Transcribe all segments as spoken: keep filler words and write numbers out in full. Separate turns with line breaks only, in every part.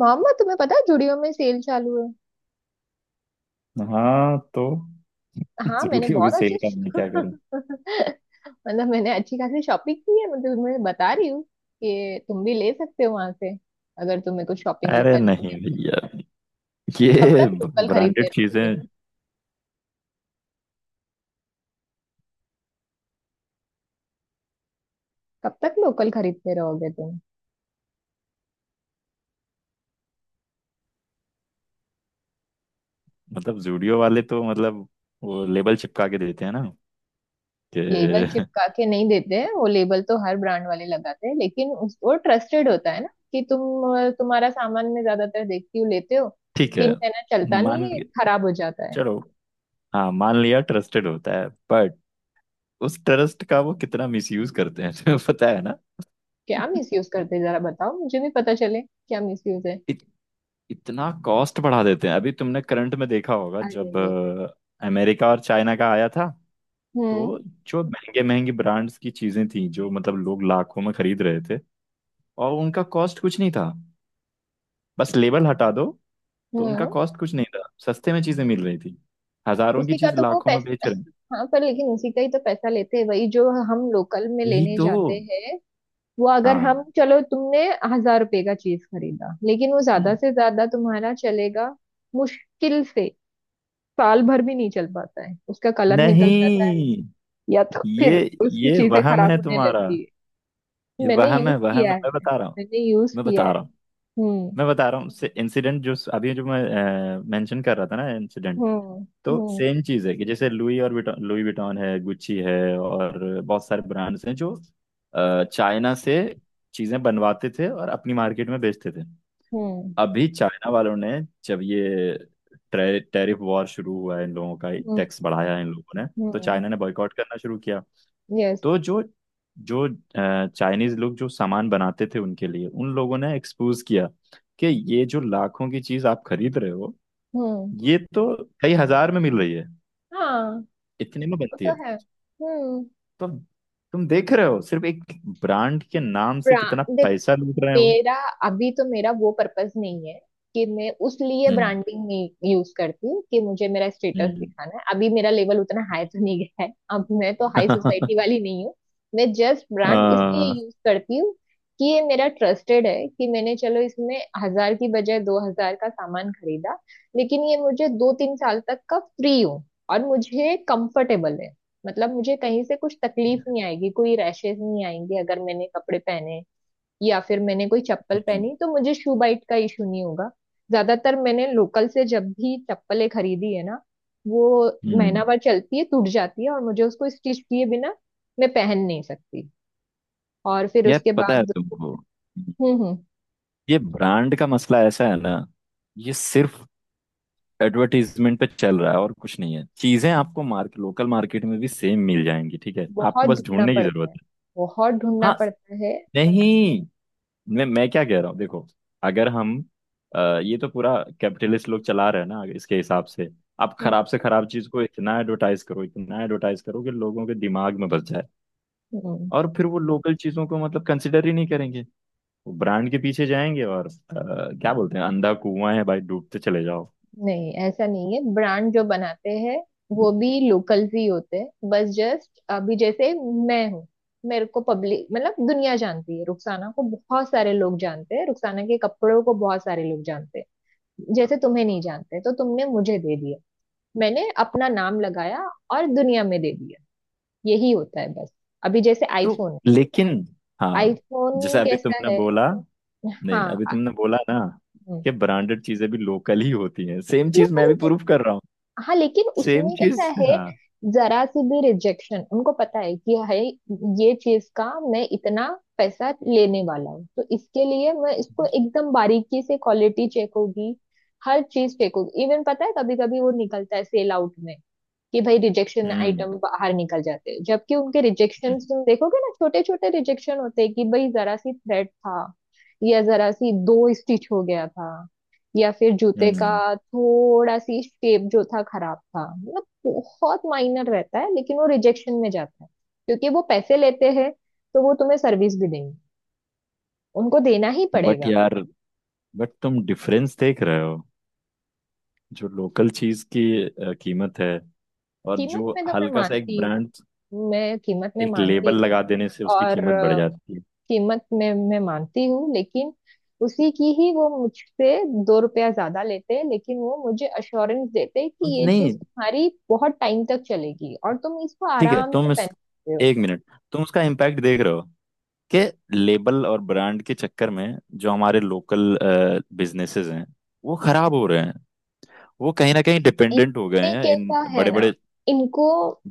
मामा, तुम्हें पता है जुड़ियो में सेल चालू है।
हाँ, तो
हाँ, मैंने
जरूरी होगी
बहुत
सेल का मैं क्या
अच्छे
करूं।
मतलब, मैंने अच्छी खासी शॉपिंग की है। मतलब, तुम्हें बता रही हूँ कि तुम भी ले सकते हो वहां से अगर तुम्हें कुछ शॉपिंग
अरे
करनी
नहीं,
है।
भैया।
कब
ये
तक लोकल खरीदते
ब्रांडेड
रहोगे?
चीजें,
कब तक लोकल खरीदते रहोगे तुम?
मतलब जूडियो वाले तो मतलब वो लेबल चिपका के देते हैं ना
लेबल
कि
चिपका के नहीं देते हैं। वो लेबल तो हर ब्रांड वाले लगाते हैं, लेकिन उस वो ट्रस्टेड होता है ना, कि तुम तुम्हारा सामान मैं ज्यादातर देखती हूँ लेते हो।
ठीक
तीन
है।
महीना चलता
मान
नहीं है,
के-
खराब हो जाता है।
चलो, हाँ, मान लिया ट्रस्टेड होता है। बट उस ट्रस्ट का वो कितना मिसयूज करते हैं तुम्हें पता है ना।
क्या मिसयूज करते हैं? जरा बताओ, मुझे भी पता चले क्या मिसयूज है।
इत, इतना कॉस्ट बढ़ा देते हैं। अभी तुमने करंट में देखा होगा जब
अरे!
अ, अमेरिका और चाइना का आया था।
हम्म।
तो जो महंगे महंगे ब्रांड्स की चीजें थी, जो मतलब लोग लाखों में खरीद रहे थे और उनका कॉस्ट कुछ नहीं था, बस लेबल हटा दो। तो उनका
हम्म।
कॉस्ट कुछ नहीं था, सस्ते में चीजें मिल रही थी। हजारों की
उसी का
चीज
तो वो
लाखों में बेच
पैसा।
रहे हैं।
हाँ, पर लेकिन उसी का ही तो पैसा लेते हैं, वही जो हम लोकल में
यही
लेने
तो।
जाते हैं। वो अगर
हाँ।
हम चलो तुमने, हजार रुपए का चीज खरीदा, लेकिन वो ज्यादा
हम्म।
से ज्यादा तुम्हारा चलेगा, मुश्किल से। साल भर भी नहीं चल पाता है, उसका कलर निकल जाता है,
नहीं,
या तो
ये,
फिर उसकी
ये
चीजें
वहम
खराब
है
होने
तुम्हारा।
लगती है।
ये
मैंने
वहम
यूज
है, वहम
किया
है, मैं
है।
बता रहा हूँ।
मैंने यूज
मैं
किया
बता
है।
रहा हूँ।
हम्म।
मैं बता रहा हूँ। इंसिडेंट, जो अभी जो मैं मेंशन कर रहा था ना, इंसिडेंट।
हम्म।
तो
हम्म।
सेम चीज है कि जैसे लुई और विटॉन, लुई विटॉन है, गुच्ची है और बहुत सारे ब्रांड्स हैं जो अ, चाइना से चीजें बनवाते थे और अपनी मार्केट में बेचते थे।
हम्म।
अभी चाइना वालों ने, जब ये टैरिफ वॉर शुरू हुआ है इन लोगों का,
हम्म।
टैक्स बढ़ाया है इन लोगों ने, तो
हम्म।
चाइना ने बॉयकॉट करना शुरू किया।
यस।
तो जो जो चाइनीज लोग जो सामान बनाते थे उनके लिए, उन लोगों ने एक्सपोज किया कि ये जो लाखों की चीज आप खरीद रहे हो,
हम्म।
ये तो कई हजार में मिल रही है,
हाँ,
इतने में
वो
बनती
तो
है।
है। हम्म।
तुम तुम देख रहे हो सिर्फ एक ब्रांड के नाम से कितना
ब्रांड,
पैसा लूट रहे हैं वो।
मेरा, अभी तो मेरा वो पर्पस नहीं है, कि मैं उस लिए
हम्म।
ब्रांडिंग नहीं यूज करती कि मुझे मेरा स्टेटस
हम्म।
दिखाना है। अभी मेरा लेवल उतना हाई तो नहीं गया है। अब मैं तो हाई सोसाइटी वाली नहीं हूँ। मैं जस्ट ब्रांड इसलिए
आ।
यूज करती हूँ, कि ये मेरा ट्रस्टेड है, कि मैंने, चलो, इसमें हजार की बजाय दो हजार का सामान खरीदा, लेकिन ये मुझे दो तीन साल तक का फ्री हो, और मुझे कंफर्टेबल है। मतलब, मुझे कहीं से कुछ तकलीफ नहीं आएगी, कोई रैशेज नहीं आएंगे अगर मैंने कपड़े पहने, या फिर मैंने कोई चप्पल
हम्म।
पहनी तो मुझे शू बाइट का इशू नहीं होगा। ज्यादातर मैंने लोकल से जब भी चप्पलें खरीदी है ना, वो
हम्म।
महीना भर चलती है, टूट जाती है, और मुझे उसको स्टिच किए बिना मैं पहन नहीं सकती। और फिर
यार,
उसके
पता है
बाद।
तुमको,
हम्म। हम्म।
ये ब्रांड का मसला ऐसा है ना, ये सिर्फ एडवर्टीजमेंट पे चल रहा है और कुछ नहीं है। चीजें आपको मार्केट, लोकल मार्केट में भी सेम मिल जाएंगी। ठीक है, आपको
बहुत
बस
ढूंढना
ढूंढने की
पड़ता
जरूरत
है।
है।
बहुत ढूंढना
हाँ।
पड़ता है।
नहीं, मैं मैं क्या कह रहा हूँ देखो, अगर हम अ, ये तो पूरा कैपिटलिस्ट लोग चला रहे हैं ना। इसके हिसाब से आप
हम्म।
खराब से खराब चीज को इतना एडवर्टाइज करो, इतना एडवर्टाइज करो कि लोगों के दिमाग में बस जाए,
हम्म।
और फिर वो लोकल चीजों को मतलब कंसिडर ही नहीं करेंगे, वो ब्रांड के पीछे जाएंगे। और अ, क्या बोलते हैं, अंधा कुआं है भाई, डूबते चले जाओ।
नहीं, ऐसा नहीं है। ब्रांड जो बनाते हैं, वो भी लोकल्स ही होते हैं। बस जस्ट, अभी जैसे मैं हूँ। मेरे को पब्लिक, मतलब दुनिया जानती है, रुखसाना को बहुत सारे लोग जानते हैं, रुखसाना के कपड़ों को बहुत सारे लोग जानते हैं। जैसे तुम्हें नहीं जानते तो तुमने मुझे दे दिया, मैंने अपना नाम लगाया, और दुनिया में दे दिया। यही होता है बस। अभी जैसे
तो,
आईफोन है।
लेकिन, हाँ, जैसे
आईफोन
अभी
कैसा
तुमने
है?
बोला, नहीं
हाँ,
अभी तुमने बोला ना कि ब्रांडेड चीजें भी लोकल ही होती हैं, सेम चीज
लोकल
मैं
ही
भी प्रूफ
होती
कर रहा हूँ।
है। हाँ, लेकिन
सेम
उसमें
चीज
कैसा है।
हाँ।
जरा सी भी रिजेक्शन उनको पता है कि है, ये चीज का मैं इतना पैसा लेने वाला हूँ, तो इसके लिए मैं इसको एकदम बारीकी से क्वालिटी चेक होगी। हर चीज चेक होगी, इवन पता है कभी कभी वो निकलता है सेल आउट में, कि भाई रिजेक्शन
हम्म।
आइटम बाहर निकल जाते हैं, जबकि उनके रिजेक्शन तुम देखोगे ना, छोटे छोटे रिजेक्शन होते हैं, कि भाई जरा सी थ्रेड था, या जरा सी दो स्टिच हो गया था, या फिर जूते का
हम्म।
थोड़ा सी शेप जो था खराब था, मतलब बहुत माइनर रहता है, लेकिन वो रिजेक्शन में जाता है। क्योंकि वो पैसे लेते हैं, तो वो तुम्हें सर्विस भी देंगे, उनको देना ही
बट
पड़ेगा।
यार, बट तुम डिफरेंस देख रहे हो जो लोकल चीज की अ, कीमत है, और
कीमत
जो
में तो मैं
हल्का सा एक
मानती
ब्रांड,
हूँ, मैं कीमत में
एक
मानती
लेबल लगा देने से
हूँ,
उसकी
और
कीमत बढ़ जाती है।
कीमत मैं मैं मानती हूँ, लेकिन उसी की ही वो मुझसे दो रुपया ज्यादा लेते हैं, लेकिन वो मुझे अश्योरेंस देते हैं कि ये
नहीं,
चीज तुम्हारी बहुत टाइम तक चलेगी और तुम इसको
ठीक है,
आराम से
तुम
पहन
इस
सकते हो।
एक मिनट। तुम उसका इम्पैक्ट देख रहे हो कि लेबल और ब्रांड के चक्कर में जो हमारे लोकल बिजनेसेस हैं, वो खराब हो रहे हैं। वो कहीं ना कहीं डिपेंडेंट हो गए
इसमें
हैं इन
कैसा है
बड़े
ना,
बड़े
इनको,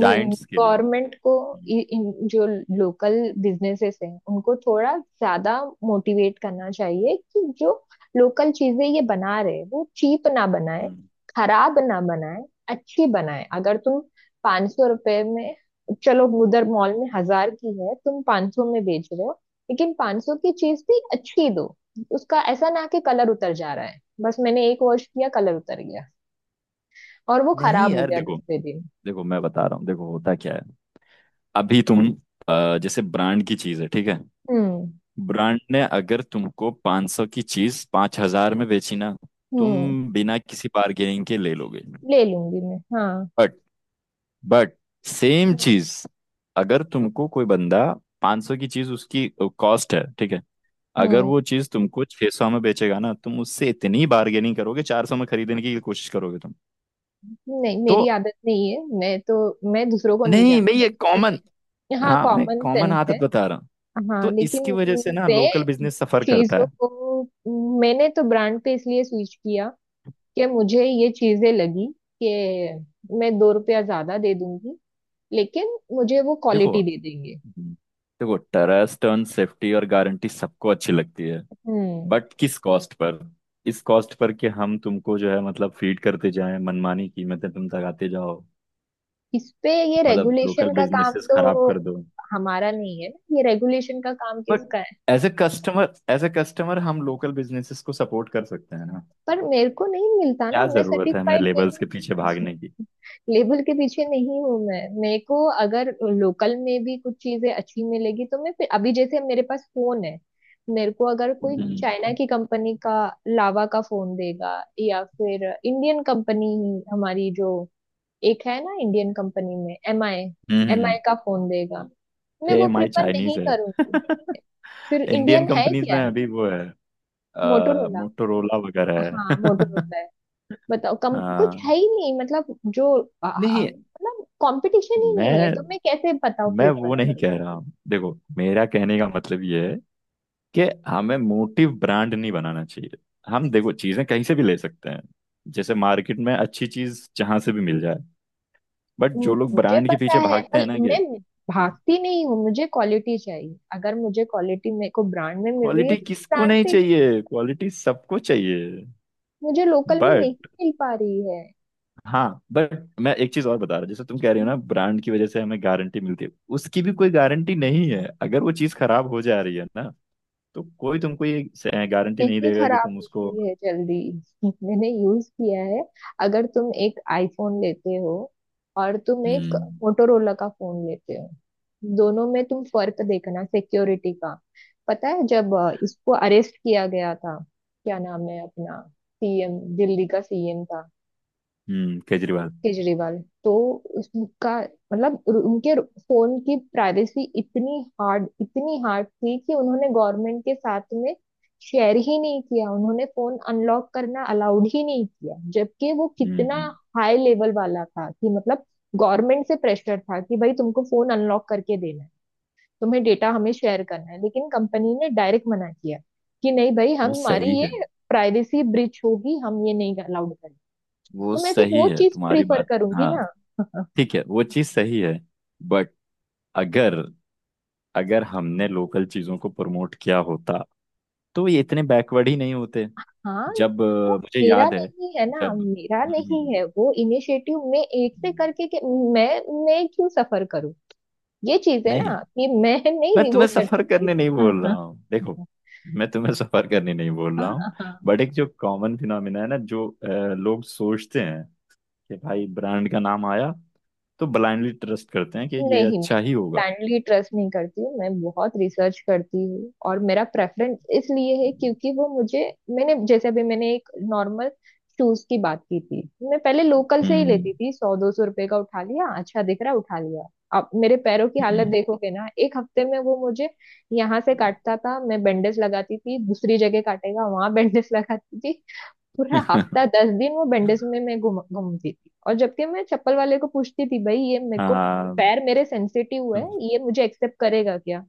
जायंट्स के लिए।
गवर्नमेंट को,
हम्म।
इ- इन जो लोकल बिजनेसेस हैं उनको थोड़ा ज्यादा मोटिवेट करना चाहिए, कि जो लोकल चीजें ये बना रहे हैं, वो चीप ना बनाए,
हम्म।
खराब ना बनाए, अच्छी बनाए। अगर तुम पाँच सौ रुपए में, चलो उधर मॉल में हजार की है, तुम पाँच सौ में बेच रहे हो, लेकिन पाँच सौ की चीज भी अच्छी दो। उसका ऐसा ना, कि कलर उतर जा रहा है, बस मैंने एक वॉश किया कलर उतर गया और वो
नहीं
खराब हो
यार,
गया
देखो,
दूसरे दिन।
देखो मैं बता रहा हूँ, देखो होता क्या है, अभी तुम अ, जैसे ब्रांड की चीज है, ठीक है,
हम्म।
ब्रांड ने अगर तुमको पाँच सौ की चीज पाँच हज़ार में बेची ना, तुम
हम्म।
बिना किसी बार्गेनिंग के ले लोगे।
ले लूंगी मैं, हाँ।
But but same
hmm.
चीज अगर तुमको कोई बंदा पाँच सौ की चीज, उसकी कॉस्ट है ठीक है, अगर
हम्म,
वो चीज तुमको छह सौ में बेचेगा ना, तुम उससे इतनी बार्गेनिंग करोगे, चार सौ में खरीदने की कोशिश करोगे तुम।
नहीं,
तो,
मेरी आदत नहीं है, मैं तो। मैं दूसरों को नहीं
नहीं मैं
जानती
ये
हूँ।
कॉमन,
मैं, हाँ,
हाँ मैं
कॉमन
कॉमन
सेंस है।
आदत बता रहा हूँ।
हाँ,
तो
लेकिन।
इसकी वजह से ना लोकल
मैं
बिजनेस सफर करता
चीजों
है।
को, मैंने तो ब्रांड पे इसलिए स्विच किया, कि मुझे ये चीजें लगी, कि मैं दो रुपया ज्यादा दे दूंगी, लेकिन मुझे वो
देखो।
क्वालिटी दे देंगे।
हम्म। देखो, ट्रस्ट टर्न, सेफ्टी और गारंटी सबको अच्छी लगती है।
हम्म
बट किस कॉस्ट पर? इस कॉस्ट पर कि हम तुमको जो है मतलब फीड करते जाएं, मनमानी कीमतें तुम लगाते जाओ,
इस पे ये
मतलब लोकल
रेगुलेशन का काम
बिजनेसेस
तो
खराब कर दो।
हमारा नहीं है ना, ये रेगुलेशन का काम
बट
किसका है?
As a customer, as a customer, हम लोकल बिजनेसेस को सपोर्ट कर सकते हैं ना।
पर मेरे को नहीं मिलता ना,
क्या
मैं
जरूरत है हमें
सेटिस्फाइड
लेबल्स
नहीं।
के पीछे भागने की?
लेबल के पीछे नहीं हूँ मैं, मेरे को अगर लोकल में भी कुछ चीजें अच्छी मिलेगी तो मैं फिर, अभी जैसे मेरे पास फोन है। मेरे को अगर कोई चाइना
हम्म।
की कंपनी का, लावा का फोन देगा, या फिर इंडियन कंपनी ही, हमारी जो एक है ना इंडियन कंपनी में एम आई, एम आई
हम्म।
का फोन देगा, मैं
ए
वो
एम आई
प्रिफर नहीं
चाइनीज है।
करूंगी। फिर
इंडियन
इंडियन है
कंपनीज में
क्या?
अभी वो है,
मोटोरोला।
मोटोरोला वगैरह
हाँ,
है।
मोटोरोला है। बताओ, कम कुछ
हाँ।
है ही नहीं मतलब। जो आ- आ-
नहीं,
मतलब, कंपटीशन ही नहीं है,
मैं
तो मैं कैसे, बताओ,
मैं
प्रेफर
वो नहीं
करूँ।
कह रहा हूँ। देखो, मेरा कहने का मतलब ये है कि हमें मोटिव ब्रांड नहीं बनाना चाहिए। हम देखो चीजें कहीं से भी ले सकते हैं, जैसे मार्केट में अच्छी चीज जहां से भी मिल जाए। बट
हम्म,
जो लोग
मुझे
ब्रांड के
पता
पीछे
है,
भागते
पर
हैं ना कि
मैं भागती नहीं हूँ, मुझे क्वालिटी चाहिए, अगर मुझे क्वालिटी मेरे को ब्रांड में मिल रही है
क्वालिटी
तो
किसको
ब्रांड
नहीं
से।
चाहिए, क्वालिटी सबको चाहिए।
मुझे लोकल में नहीं
बट,
मिल पा रही है।
हाँ बट मैं एक चीज और बता रहा हूँ, जैसे तुम कह रहे हो ना ब्रांड की वजह से हमें गारंटी मिलती है, उसकी भी कोई गारंटी नहीं है। अगर वो चीज खराब हो जा रही है ना, तो कोई तुमको ये गारंटी नहीं
नहीं,
देगा कि
खराब
तुम उसको।
होती है जल्दी। मैंने यूज किया है। अगर तुम एक आईफोन लेते हो और तुम एक
हम्म।
मोटोरोला का फोन लेते हो, दोनों में तुम फर्क देखना सिक्योरिटी का। पता है जब अ, इसको अरेस्ट किया गया था, क्या नाम है अपना, सी एम, दिल्ली का सी एम था,
हम्म। केजरीवाल।
केजरीवाल। तो उसका, मतलब उनके फोन की प्राइवेसी इतनी हार्ड इतनी हार्ड थी, कि उन्होंने गवर्नमेंट के साथ में शेयर ही नहीं किया, उन्होंने फोन अनलॉक करना अलाउड ही नहीं किया, जबकि वो कितना
हम्म।
हाई लेवल वाला था, कि मतलब गवर्नमेंट से प्रेशर था, कि भाई तुमको फोन अनलॉक करके देना है, तुम्हें डेटा हमें शेयर करना है, लेकिन कंपनी ने डायरेक्ट मना किया, कि नहीं भाई, हम
वो सही
हमारी
है।
ये प्राइवेसी ब्रिच होगी, हम ये नहीं अलाउड करेंगे।
वो
तो मैं फिर
सही
वो
है
चीज
तुम्हारी
प्रिफर
बात,
करूंगी
हाँ।
ना।
ठीक है, वो चीज सही है। बट अगर, अगर हमने लोकल चीजों को प्रमोट किया होता तो ये इतने बैकवर्ड ही नहीं होते।
हाँ,
जब
वो
अ, मुझे
मेरा
याद है,
नहीं है ना,
जब
मेरा
हम्म, हम्म,
नहीं है वो इनिशिएटिव, मैं एक से
हम्म।
करके के, मैं मैं क्यों सफर करूं? ये चीज है
नहीं,
ना कि मैं
मैं
नहीं वो
तुम्हें
कर
सफर
सकती।
करने नहीं बोल
हाँ,
रहा हूँ। देखो, मैं तुम्हें सफर करने नहीं बोल
हाँ,
रहा हूँ।
हाँ, हाँ।
बट एक जो कॉमन फिनोमिना है ना, जो अ, लोग सोचते हैं कि भाई ब्रांड का नाम आया तो ब्लाइंडली ट्रस्ट करते हैं कि ये
नहीं, मैं
अच्छा ही होगा।
ब्लाइंडली ट्रस्ट नहीं करती हूँ, मैं बहुत रिसर्च करती हूँ और मेरा प्रेफरेंस इसलिए है क्योंकि वो मुझे, मैंने जैसे अभी मैंने एक नॉर्मल शूज की बात की थी। मैं पहले लोकल से ही
हम्म।
लेती थी, सौ दो सौ रुपए का उठा लिया, अच्छा दिख रहा, उठा लिया। अब मेरे पैरों की हालत
हम्म।
देखोगे ना, एक हफ्ते में वो मुझे यहाँ से काटता था, मैं बैंडेज लगाती थी, दूसरी जगह काटेगा वहां बैंडेज लगाती थी। पूरा हफ्ता दस दिन वो बैंडेज में मैं घूम घूमती थी, और जबकि मैं चप्पल वाले को पूछती थी, भाई ये मेरे को,
हाँ,
पैर मेरे सेंसिटिव है, ये मुझे एक्सेप्ट करेगा क्या?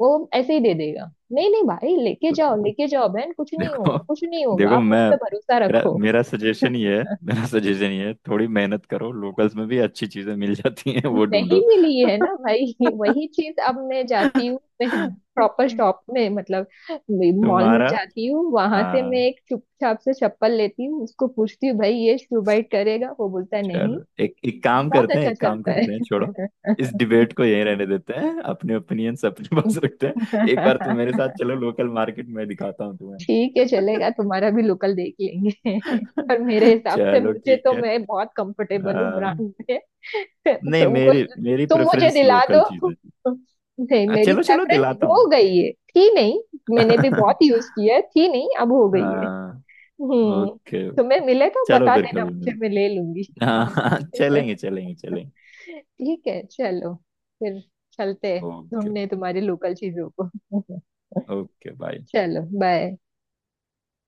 वो ऐसे ही दे देगा, नहीं नहीं भाई, लेके जाओ लेके जाओ बहन, कुछ नहीं
देखो,
होगा कुछ नहीं होगा,
देखो
आप मुझ
मैं
पे भरोसा
मेरा
रखो।
मेरा सजेशन ये है, मेरा सजेशन ये है, थोड़ी मेहनत करो, लोकल्स में भी अच्छी चीजें मिल जाती हैं, वो
नहीं
ढूंढो।
मिली है ना भाई, वही चीज। अब मैं जाती हूँ, मैं प्रॉपर शॉप में, मतलब मॉल में
तुम्हारा।
जाती हूँ, वहां से मैं
हाँ,
एक चुपचाप से चप्पल लेती हूँ, उसको पूछती हूँ भाई ये शू बाइट करेगा, वो बोलता है नहीं।
चलो एक एक काम
बहुत
करते हैं,
अच्छा
एक काम
चलता
करते हैं,
है।
छोड़ो इस डिबेट को, यहीं रहने देते हैं, अपने ओपिनियंस अपने पास रखते हैं। एक बार तुम मेरे साथ चलो लोकल मार्केट में, दिखाता हूँ तुम्हें।
ठीक है, चलेगा तुम्हारा भी लोकल देख लेंगे। पर मेरे हिसाब से,
चलो
मुझे
ठीक
तो,
है।
मैं बहुत कंफर्टेबल हूँ
आ,
ब्रांड में।
नहीं,
तुमको,
मेरी मेरी
तुम मुझे
प्रेफरेंस
दिला
लोकल
दो।
चीज है।
नहीं,
आ,
मेरी
चलो, चलो
प्रेफरेंस
दिलाता
हो
हूँ।
गई है, थी नहीं। मैंने भी बहुत यूज किया है, थी नहीं, अब हो गई है।
हाँ।
हम्म
ओके।
तुम्हें मिले तो
चलो
बता
फिर
देना
कभी
मुझे,
मिल,
मैं ले लूंगी।
हाँ, चलेंगे चलेंगे चलेंगे।
ठीक है चलो, फिर चलते हैं
ओके,
ढूंढने तुम्हारे लोकल चीजों को।
Okay, bye.
चलो, बाय।